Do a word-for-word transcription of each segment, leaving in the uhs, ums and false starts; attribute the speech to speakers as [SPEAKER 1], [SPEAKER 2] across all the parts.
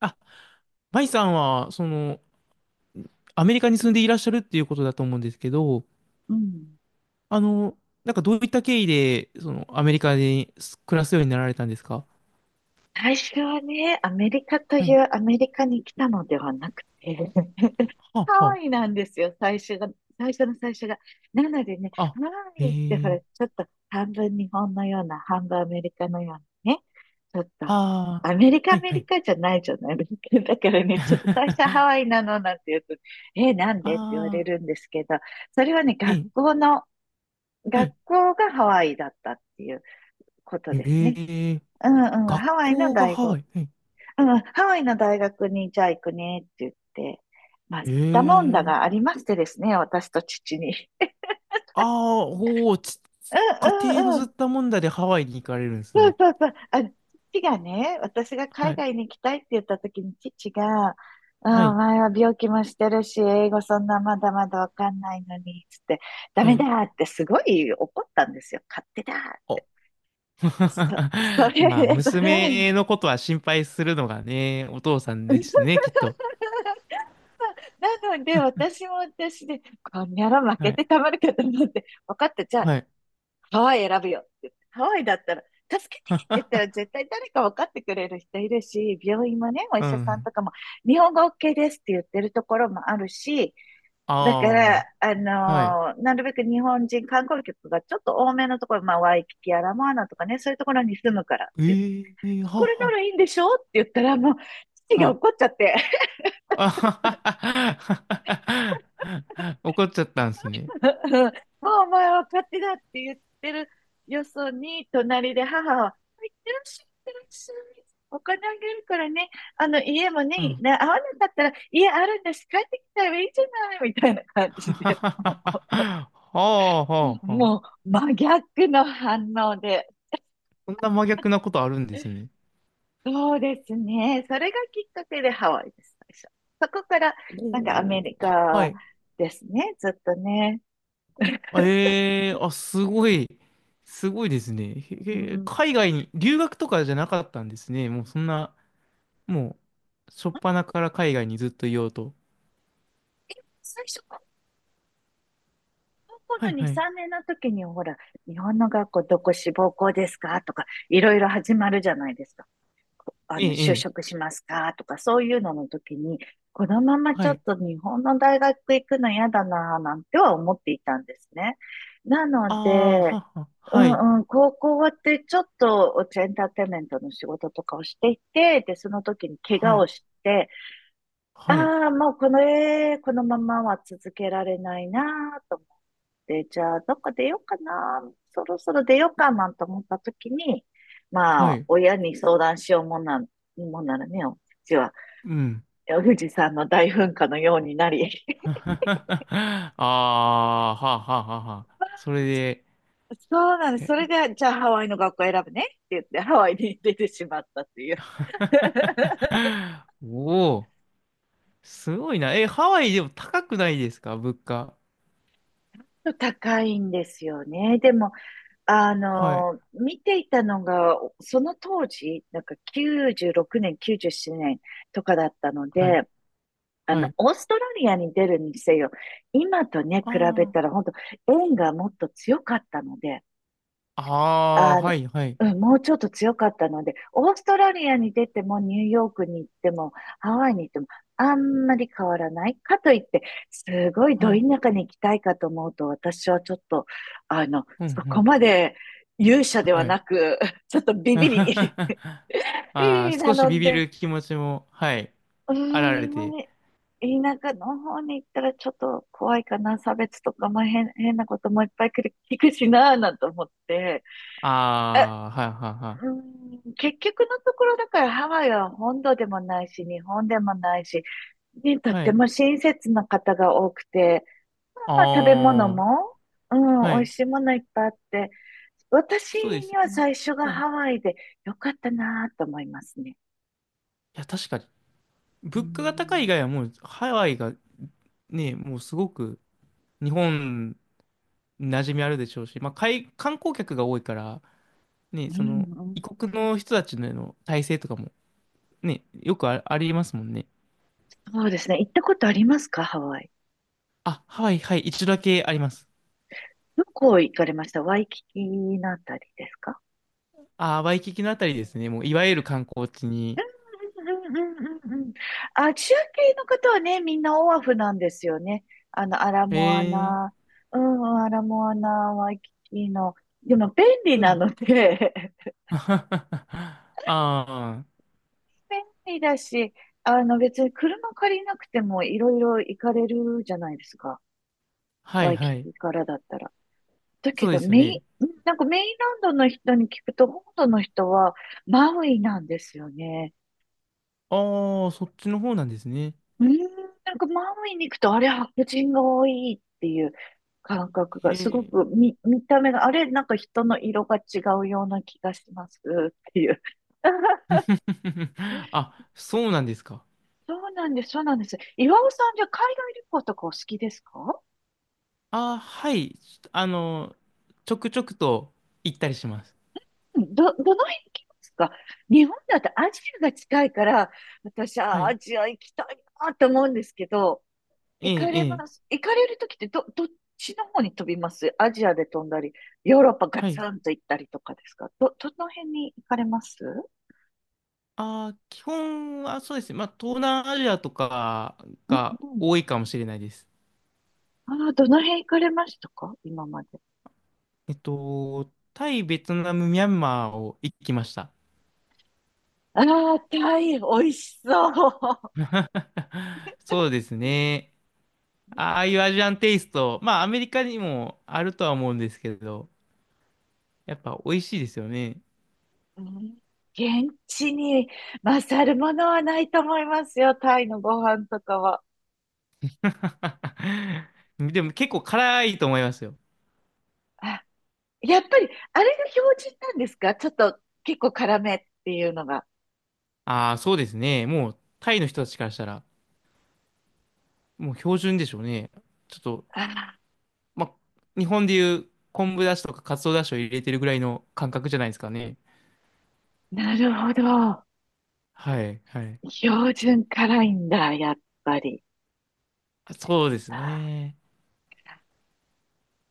[SPEAKER 1] あ、マイさんは、その、アメリカに
[SPEAKER 2] う
[SPEAKER 1] 住
[SPEAKER 2] ん
[SPEAKER 1] んでいらっしゃるっていうことだと思うんですけど、
[SPEAKER 2] うん
[SPEAKER 1] あの、なんかどういった経緯で、その、アメリカで暮らすようになられたんですか？
[SPEAKER 2] 最初はね、アメリカとい
[SPEAKER 1] はい。
[SPEAKER 2] うアメリカに来たのではなくて、ハ
[SPEAKER 1] はあ、
[SPEAKER 2] ワ
[SPEAKER 1] は
[SPEAKER 2] イなんですよ、最初が、最初の最初が。なのでね、
[SPEAKER 1] あ、あ、
[SPEAKER 2] ハワ
[SPEAKER 1] え
[SPEAKER 2] イってほ
[SPEAKER 1] ー、
[SPEAKER 2] ら、ちょっと半分日本のような、半分アメリカのようなね、ちょっと、
[SPEAKER 1] ああ、
[SPEAKER 2] アメリカ、ア
[SPEAKER 1] はい、
[SPEAKER 2] メ
[SPEAKER 1] は
[SPEAKER 2] リ
[SPEAKER 1] い。
[SPEAKER 2] カじゃないじゃないですか。だからね、ちょっと最初はハ ワイなのなんて言うと、え、なんでって言われ
[SPEAKER 1] ああ、
[SPEAKER 2] るんですけど、それはね、
[SPEAKER 1] え
[SPEAKER 2] 学
[SPEAKER 1] え、
[SPEAKER 2] 校の、
[SPEAKER 1] は
[SPEAKER 2] 学
[SPEAKER 1] い。
[SPEAKER 2] 校がハワイだったっていうことですね。
[SPEAKER 1] ええ、
[SPEAKER 2] うんうん、
[SPEAKER 1] 学
[SPEAKER 2] ハワイの
[SPEAKER 1] 校が
[SPEAKER 2] 大
[SPEAKER 1] ハワ
[SPEAKER 2] 学、
[SPEAKER 1] イ。はい。
[SPEAKER 2] うん、ハワイの大学にじゃあ行くねって言って、まあ、吸っ
[SPEAKER 1] え
[SPEAKER 2] たもんだ
[SPEAKER 1] え、
[SPEAKER 2] がありましてですね、私と父に。
[SPEAKER 1] ああ、おお、ち、
[SPEAKER 2] う
[SPEAKER 1] 家庭
[SPEAKER 2] ん
[SPEAKER 1] の
[SPEAKER 2] うんう
[SPEAKER 1] ずっ
[SPEAKER 2] ん、
[SPEAKER 1] たもんだでハワイに行かれるんです
[SPEAKER 2] そう
[SPEAKER 1] ね。
[SPEAKER 2] そうそう、あ、父がね、私が
[SPEAKER 1] は
[SPEAKER 2] 海
[SPEAKER 1] い、
[SPEAKER 2] 外に行きたいって言った時に父が、う
[SPEAKER 1] は
[SPEAKER 2] ん、お
[SPEAKER 1] い、
[SPEAKER 2] 前は病気もしてるし、英語そんなまだまだわかんないのに、つって、ダ
[SPEAKER 1] は
[SPEAKER 2] メだ
[SPEAKER 1] い。
[SPEAKER 2] ってすごい怒ったんですよ。勝手だ。
[SPEAKER 1] あ、
[SPEAKER 2] そ、そ れ、
[SPEAKER 1] まあ、
[SPEAKER 2] そ
[SPEAKER 1] 娘
[SPEAKER 2] う
[SPEAKER 1] のことは心配するのがね、お父さんですね、きっと。
[SPEAKER 2] なので、私も私で、こんにゃら負
[SPEAKER 1] は
[SPEAKER 2] け
[SPEAKER 1] い。
[SPEAKER 2] てたまるかと思って、分かった、じゃあ、
[SPEAKER 1] はい。
[SPEAKER 2] ハワイ選ぶよって言って。ハワイだったら、助けてって言ったら 絶対誰か分かってくれる人いるし、病院もね、お医
[SPEAKER 1] う
[SPEAKER 2] 者さん
[SPEAKER 1] ん。
[SPEAKER 2] とかも、日本語 OK ですって言ってるところもあるし、だから、
[SPEAKER 1] あ
[SPEAKER 2] あ
[SPEAKER 1] あ。はい。
[SPEAKER 2] のーなるべく日本人観光客がちょっと多めのところ、まあ、ワイキキやラモアナとかね、そういうところに住むからって言って、
[SPEAKER 1] ええは
[SPEAKER 2] これな
[SPEAKER 1] は。
[SPEAKER 2] らいいんでしょって言ったら、もう、父
[SPEAKER 1] は
[SPEAKER 2] が
[SPEAKER 1] い。
[SPEAKER 2] 怒っ ちゃって。
[SPEAKER 1] あははは。怒っちゃったんですね。
[SPEAKER 2] もうお前は勝手だって言ってるよそに、隣で母は、いってらっしゃい、いってらっしゃい。お金あげるからね、あの家も
[SPEAKER 1] う
[SPEAKER 2] ね、
[SPEAKER 1] ん。
[SPEAKER 2] な合わなかったら家あるんだし、帰ってきたらいいじゃないみたいな 感
[SPEAKER 1] は
[SPEAKER 2] じ
[SPEAKER 1] は
[SPEAKER 2] で、
[SPEAKER 1] は
[SPEAKER 2] も
[SPEAKER 1] は。はあは
[SPEAKER 2] う、
[SPEAKER 1] あは
[SPEAKER 2] も
[SPEAKER 1] あ。
[SPEAKER 2] う真逆の反応で、
[SPEAKER 1] そんな真逆なことあるんですね。
[SPEAKER 2] そうですね。それがきっかけでハワイです、最初。そこから、なんかア
[SPEAKER 1] お
[SPEAKER 2] メリ
[SPEAKER 1] ー、は
[SPEAKER 2] カ
[SPEAKER 1] い。
[SPEAKER 2] ですね、ずっとね。
[SPEAKER 1] あええあ、すごい、すごいですね。
[SPEAKER 2] う
[SPEAKER 1] へへ
[SPEAKER 2] ん、
[SPEAKER 1] 海外に、留学とかじゃなかったんですね。もうそんな、もう、初っ端から海外にずっといようと。
[SPEAKER 2] 最初、こ高校
[SPEAKER 1] は
[SPEAKER 2] の
[SPEAKER 1] い、
[SPEAKER 2] に、
[SPEAKER 1] はい。
[SPEAKER 2] さんねんの時に、ほら、日本の学校どこ志望校ですかとか、いろいろ始まるじゃないですか。あ
[SPEAKER 1] え
[SPEAKER 2] の、
[SPEAKER 1] え、
[SPEAKER 2] 就
[SPEAKER 1] ええ、
[SPEAKER 2] 職しますかとか、そういうのの時に、このままち
[SPEAKER 1] は
[SPEAKER 2] ょっ
[SPEAKER 1] い。
[SPEAKER 2] と日本の大学行くの嫌だなぁなんては思っていたんですね。なの
[SPEAKER 1] ああ、
[SPEAKER 2] で、
[SPEAKER 1] はは、
[SPEAKER 2] う
[SPEAKER 1] はい、
[SPEAKER 2] んうん、高校終わってちょっとエンターテインメントの仕事とかをしていて、で、その時に怪我
[SPEAKER 1] は
[SPEAKER 2] を
[SPEAKER 1] い、
[SPEAKER 2] して、
[SPEAKER 1] はい、
[SPEAKER 2] ああ、もうこの、えーこのままは続けられないなぁと思っで、じゃあ、どっか出ようかな、そろそろ出ようかなんて思った時に、ま
[SPEAKER 1] は
[SPEAKER 2] あ、
[SPEAKER 1] い、
[SPEAKER 2] 親に相談しようもんな、もんならね、うちは、
[SPEAKER 1] うん。
[SPEAKER 2] 富士山の大噴火のようになり、
[SPEAKER 1] ああ、はあはあ。はあ、それで、
[SPEAKER 2] そうなんです。
[SPEAKER 1] へ、
[SPEAKER 2] それで、じゃあハワイの学校選ぶねって言って、ハワイに出てしまったっていう。
[SPEAKER 1] おお、すごいな。え、ハワイでも高くないですか、物価。
[SPEAKER 2] 高いんですよね。でも、あ
[SPEAKER 1] はい、
[SPEAKER 2] の、見ていたのが、その当時、なんかきゅうじゅうろくねん、きゅうじゅうななねんとかだったの
[SPEAKER 1] はい。
[SPEAKER 2] で、あ
[SPEAKER 1] は
[SPEAKER 2] の、
[SPEAKER 1] い、
[SPEAKER 2] オーストラリアに出るにせよ、今とね、比べ
[SPEAKER 1] あ
[SPEAKER 2] たら、本当縁がもっと強かったので、
[SPEAKER 1] あ、ああ、
[SPEAKER 2] あの、
[SPEAKER 1] はい、はい、
[SPEAKER 2] うん、もうちょっと強かったので、オーストラリアに出ても、ニューヨークに行っても、ハワイに行っても、あんまり変わらない。かといって、すごいど
[SPEAKER 1] は
[SPEAKER 2] 田
[SPEAKER 1] い、
[SPEAKER 2] 舎に行きたいかと思うと、私はちょっと、あの、
[SPEAKER 1] うん、う
[SPEAKER 2] そこ
[SPEAKER 1] ん、
[SPEAKER 2] まで勇者では
[SPEAKER 1] はい。
[SPEAKER 2] なく、ちょっと ビビリ、
[SPEAKER 1] あ
[SPEAKER 2] ビビ
[SPEAKER 1] あ、
[SPEAKER 2] リな
[SPEAKER 1] 少し
[SPEAKER 2] の
[SPEAKER 1] ビビ
[SPEAKER 2] で、
[SPEAKER 1] る気持ちも、はい、
[SPEAKER 2] う
[SPEAKER 1] あら
[SPEAKER 2] ー
[SPEAKER 1] れ
[SPEAKER 2] ん、まあ
[SPEAKER 1] て。
[SPEAKER 2] ね田舎の方に行ったらちょっと怖いかな。差別とか、まあ、変、変なこともいっぱい来る聞くしなぁなんて思って。え
[SPEAKER 1] ああ、はい、は
[SPEAKER 2] うー
[SPEAKER 1] い、
[SPEAKER 2] ん、結局のところだからハワイは本土でもないし、日本でもないし、ね、とっ
[SPEAKER 1] はい。は
[SPEAKER 2] て
[SPEAKER 1] い。
[SPEAKER 2] も親切な方が多くて、まあ、まあ食べ物
[SPEAKER 1] ああ、
[SPEAKER 2] も、うん、
[SPEAKER 1] は
[SPEAKER 2] 美味
[SPEAKER 1] い。
[SPEAKER 2] しいものいっぱいあって、私
[SPEAKER 1] そうです
[SPEAKER 2] に
[SPEAKER 1] よ
[SPEAKER 2] は
[SPEAKER 1] ね。
[SPEAKER 2] 最初が
[SPEAKER 1] はい。い
[SPEAKER 2] ハワイで良かったなぁと思いますね。
[SPEAKER 1] や、確かに。
[SPEAKER 2] う
[SPEAKER 1] 物価が高い以
[SPEAKER 2] ん
[SPEAKER 1] 外はもう、ハワイが、ね、もうすごく、日本、馴染みあるでしょうし、まあ、海観光客が多いから、ね、
[SPEAKER 2] う
[SPEAKER 1] その、
[SPEAKER 2] ん、うん、
[SPEAKER 1] 異国の人たちの体制とかも、ね、よくあ、ありますもんね。
[SPEAKER 2] そうですね。行ったことありますかハワイ。
[SPEAKER 1] あ、はいはい、一度だけあります。
[SPEAKER 2] どこ行かれましたワイキキのあたりですか
[SPEAKER 1] あー、ワイキキのあたりですね。もう、いわゆる観光地に。
[SPEAKER 2] うんうんうんうんうん。あ、中継の方はね、みんなオアフなんですよね。あの、アラ
[SPEAKER 1] え
[SPEAKER 2] モアナ、
[SPEAKER 1] ー、
[SPEAKER 2] うん、アラモアナ、ワイキキの。でも便利
[SPEAKER 1] う
[SPEAKER 2] な
[SPEAKER 1] ん。
[SPEAKER 2] ので、
[SPEAKER 1] ああ、
[SPEAKER 2] 便利だし、あの、別に車借りなくてもいろいろ行かれるじゃないですか。
[SPEAKER 1] は
[SPEAKER 2] ワ
[SPEAKER 1] い
[SPEAKER 2] イキ
[SPEAKER 1] はい。
[SPEAKER 2] キからだったら。だけ
[SPEAKER 1] そうで
[SPEAKER 2] ど、
[SPEAKER 1] すよ
[SPEAKER 2] メイン、
[SPEAKER 1] ね。
[SPEAKER 2] なんかメインランドの人に聞くと、本土の人はマウイなんですよね。
[SPEAKER 1] ああ、そっちの方なんですね。
[SPEAKER 2] うーん、なんかマウイに行くと、あれ、白人が多いっていう感覚が、すご
[SPEAKER 1] へ
[SPEAKER 2] く
[SPEAKER 1] え。
[SPEAKER 2] 見、見た目が、あれ、なんか人の色が違うような気がしますっていう。
[SPEAKER 1] あ、そうなんですか。
[SPEAKER 2] そうなんです、そうなんです。岩尾さん、じゃあ海外旅行とかお好きですか
[SPEAKER 1] ああ、はい。あの、ちょくちょくと行ったりします。
[SPEAKER 2] うんど、どの辺行きますか日本だとアジアが近いから、私
[SPEAKER 1] は
[SPEAKER 2] はア
[SPEAKER 1] い。
[SPEAKER 2] ジア行きたいなと思うんですけど、
[SPEAKER 1] え
[SPEAKER 2] 行か
[SPEAKER 1] え、え
[SPEAKER 2] れ
[SPEAKER 1] え。
[SPEAKER 2] ます。行かれるときってど、どっちの方に飛びますアジアで飛んだり、ヨーロッパガ
[SPEAKER 1] は
[SPEAKER 2] ツ
[SPEAKER 1] い。
[SPEAKER 2] ンと行ったりとかですかど、どの辺に行かれます
[SPEAKER 1] ああ、基本はそうですね。まあ、東南アジアとか
[SPEAKER 2] うん
[SPEAKER 1] が
[SPEAKER 2] うん。
[SPEAKER 1] 多いかもしれないです。
[SPEAKER 2] ああ、どの辺行かれましたか今まで。
[SPEAKER 1] えっと、タイ、ベトナム、ミャンマーを行ってきました。
[SPEAKER 2] ああ、タイ、美味しそう。
[SPEAKER 1] そうですね。ああいうアジアンテイスト、まあアメリカにもあるとは思うんですけど、やっぱ美味しいですよね。
[SPEAKER 2] うん、現地に勝るものはないと思いますよ、タイのご飯とかは。
[SPEAKER 1] でも結構辛いと思いますよ。
[SPEAKER 2] あやっぱり、あれが標準なんですかちょっと結構辛めっていうのが。
[SPEAKER 1] ああ、そうですね。もうタイの人たちからしたら、もう標準でしょうね。ちょっと、
[SPEAKER 2] ああ、
[SPEAKER 1] まあ、日本でいう昆布だしとかカツオだしを入れてるぐらいの感覚じゃないですかね。
[SPEAKER 2] なるほど。
[SPEAKER 1] はい、はい。
[SPEAKER 2] 標準辛いんだ、やっぱり。
[SPEAKER 1] そうです
[SPEAKER 2] あ
[SPEAKER 1] ね。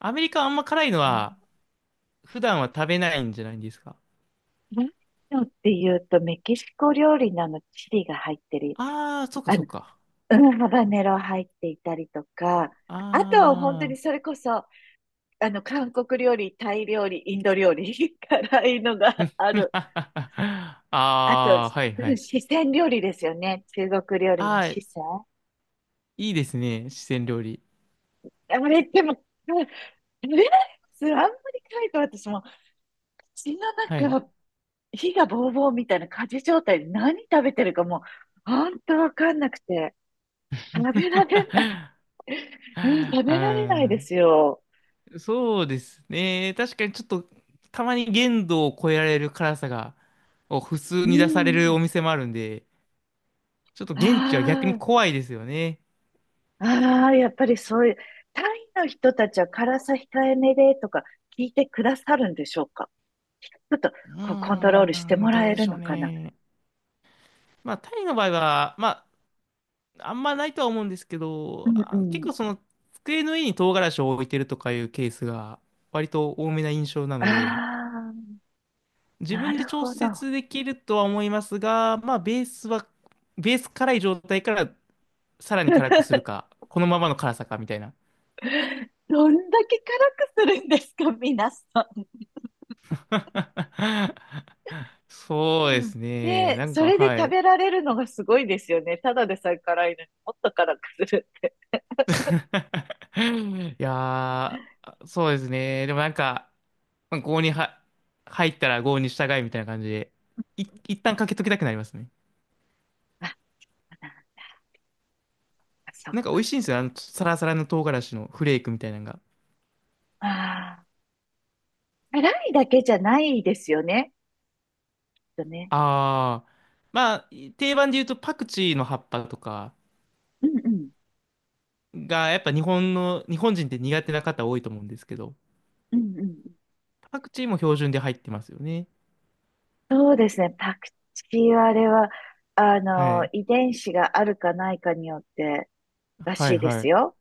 [SPEAKER 1] アメリカはあんま辛いの
[SPEAKER 2] ー、うん
[SPEAKER 1] は普段は食べないんじゃないんですか？
[SPEAKER 2] 何のっていうと、メキシコ料理なのチリが入ってる。
[SPEAKER 1] ああー、そうか
[SPEAKER 2] あ
[SPEAKER 1] そ
[SPEAKER 2] の、
[SPEAKER 1] うか。
[SPEAKER 2] うん、ハバネロ入っていたりとか、あとは本当
[SPEAKER 1] あ
[SPEAKER 2] に
[SPEAKER 1] あ。
[SPEAKER 2] それこそ、あの、韓国料理、タイ料理、インド料理、辛いのがあ る。
[SPEAKER 1] あ
[SPEAKER 2] あと、
[SPEAKER 1] あ、はいは
[SPEAKER 2] うん、
[SPEAKER 1] い。
[SPEAKER 2] 四川料理ですよね。中国料理
[SPEAKER 1] あ
[SPEAKER 2] の
[SPEAKER 1] あ、
[SPEAKER 2] 四
[SPEAKER 1] い
[SPEAKER 2] 川。
[SPEAKER 1] いですね。四川料理。
[SPEAKER 2] あれ、でも、うん、食べられますあんまり辛いと私も血の
[SPEAKER 1] はい。
[SPEAKER 2] 中火がボーボーみたいな火事状態で何食べてるかもう、本当わかんなくて、食べられない、うん、
[SPEAKER 1] あ
[SPEAKER 2] 食べられないで
[SPEAKER 1] ー、
[SPEAKER 2] すよ。
[SPEAKER 1] そうですね。確かにちょっとたまに限度を超えられる辛さが、を普通
[SPEAKER 2] う
[SPEAKER 1] に出される
[SPEAKER 2] ん。
[SPEAKER 1] お店もあるんで、ちょっと現地は逆に
[SPEAKER 2] あ
[SPEAKER 1] 怖いですよね。
[SPEAKER 2] あ、ああ、やっぱりそういう、タイの人たちは辛さ控えめでとか聞いてくださるんでしょうかちょっと
[SPEAKER 1] う
[SPEAKER 2] こうコントロールして
[SPEAKER 1] ーん、
[SPEAKER 2] も
[SPEAKER 1] ど
[SPEAKER 2] ら
[SPEAKER 1] う
[SPEAKER 2] え
[SPEAKER 1] で
[SPEAKER 2] る
[SPEAKER 1] しょ
[SPEAKER 2] の
[SPEAKER 1] う
[SPEAKER 2] かな
[SPEAKER 1] ね。まあ、タイの場合は、まあんまないとは思うんですけ
[SPEAKER 2] う
[SPEAKER 1] ど、
[SPEAKER 2] んう
[SPEAKER 1] あ結
[SPEAKER 2] ん。
[SPEAKER 1] 構その机の上に唐辛子を置いてるとかいうケースが割と多めな印象な
[SPEAKER 2] あ
[SPEAKER 1] ので、
[SPEAKER 2] あ、
[SPEAKER 1] 自
[SPEAKER 2] な
[SPEAKER 1] 分で
[SPEAKER 2] る
[SPEAKER 1] 調
[SPEAKER 2] ほど。
[SPEAKER 1] 節できるとは思いますが、まあベースは、ベース辛い状態からさらに辛くする か、このままの辛さかみたいな。
[SPEAKER 2] どんだけ辛くするんですか、皆さん。
[SPEAKER 1] そうで
[SPEAKER 2] うん
[SPEAKER 1] すね。
[SPEAKER 2] で、
[SPEAKER 1] なん
[SPEAKER 2] そ
[SPEAKER 1] か、
[SPEAKER 2] れで
[SPEAKER 1] は
[SPEAKER 2] 食
[SPEAKER 1] い。
[SPEAKER 2] べられるのがすごいですよね。ただでさえ辛いのにもっと辛くする。
[SPEAKER 1] いやー、そうですね。でもなんか、まあ郷には入ったら郷に従いみたいな感じで、い、一旦かけときたくなりますね。
[SPEAKER 2] あ、なんかそっ
[SPEAKER 1] なんか美
[SPEAKER 2] か。
[SPEAKER 1] 味しいんですよ。あの、サラサラの唐辛子のフレークみたいなのが。
[SPEAKER 2] ああ、辛いだけじゃないですよね。きっとね。
[SPEAKER 1] あー、まあ、定番で言うとパクチーの葉っぱとか
[SPEAKER 2] うんうん。
[SPEAKER 1] が、やっぱ日本の、日本人って苦手な方多いと思うんですけど、
[SPEAKER 2] うんうん。
[SPEAKER 1] パクチーも標準で入ってますよね。
[SPEAKER 2] そうですね。パクチーはあれは、あ
[SPEAKER 1] は
[SPEAKER 2] の、
[SPEAKER 1] い。
[SPEAKER 2] 遺伝子があるかないかによってら
[SPEAKER 1] は
[SPEAKER 2] し
[SPEAKER 1] い
[SPEAKER 2] いで
[SPEAKER 1] は
[SPEAKER 2] す
[SPEAKER 1] い。
[SPEAKER 2] よ。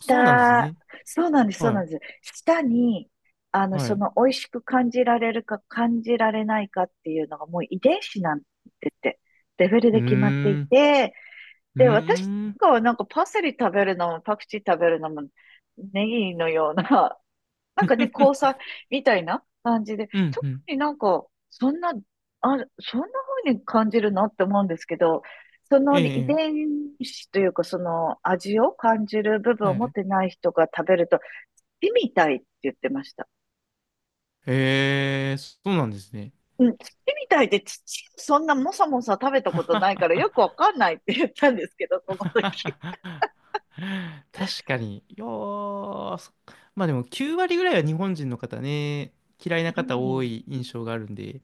[SPEAKER 1] そうなんですね。
[SPEAKER 2] そうなんです、そう
[SPEAKER 1] は
[SPEAKER 2] な
[SPEAKER 1] い。
[SPEAKER 2] んです。下に、あの、
[SPEAKER 1] はい。
[SPEAKER 2] そ
[SPEAKER 1] う
[SPEAKER 2] の、美味しく感じられるか感じられないかっていうのがもう遺伝子なんでって、レベル
[SPEAKER 1] ー
[SPEAKER 2] で決まってい
[SPEAKER 1] ん。
[SPEAKER 2] て、
[SPEAKER 1] うー
[SPEAKER 2] で、私
[SPEAKER 1] ん。
[SPEAKER 2] がなんかパセリ食べるのも、パクチー食べるのも、ネギのようななんかね、交 際みたいな感じで、
[SPEAKER 1] うん
[SPEAKER 2] 特
[SPEAKER 1] うん。
[SPEAKER 2] になんか、そんな、あ、そんな風に感じるのって思うんですけど、そ
[SPEAKER 1] ええ、
[SPEAKER 2] の遺
[SPEAKER 1] ええ
[SPEAKER 2] 伝子というか、その味を感じる部分を
[SPEAKER 1] は
[SPEAKER 2] 持っ
[SPEAKER 1] い。
[SPEAKER 2] てない人が食べると、土みたいって言ってました。
[SPEAKER 1] ええ、そうなんですね。
[SPEAKER 2] うん、土みたいで土、そんなもさもさ食べた こと
[SPEAKER 1] は
[SPEAKER 2] ないからよく
[SPEAKER 1] は
[SPEAKER 2] わかんないって言ったんですけど、そ
[SPEAKER 1] は
[SPEAKER 2] の時。
[SPEAKER 1] は、確かに。よー、そ、まあでもきゅう割ぐらいは日本人の方ね、嫌いな
[SPEAKER 2] う
[SPEAKER 1] 方多
[SPEAKER 2] ん
[SPEAKER 1] い印象があるんで、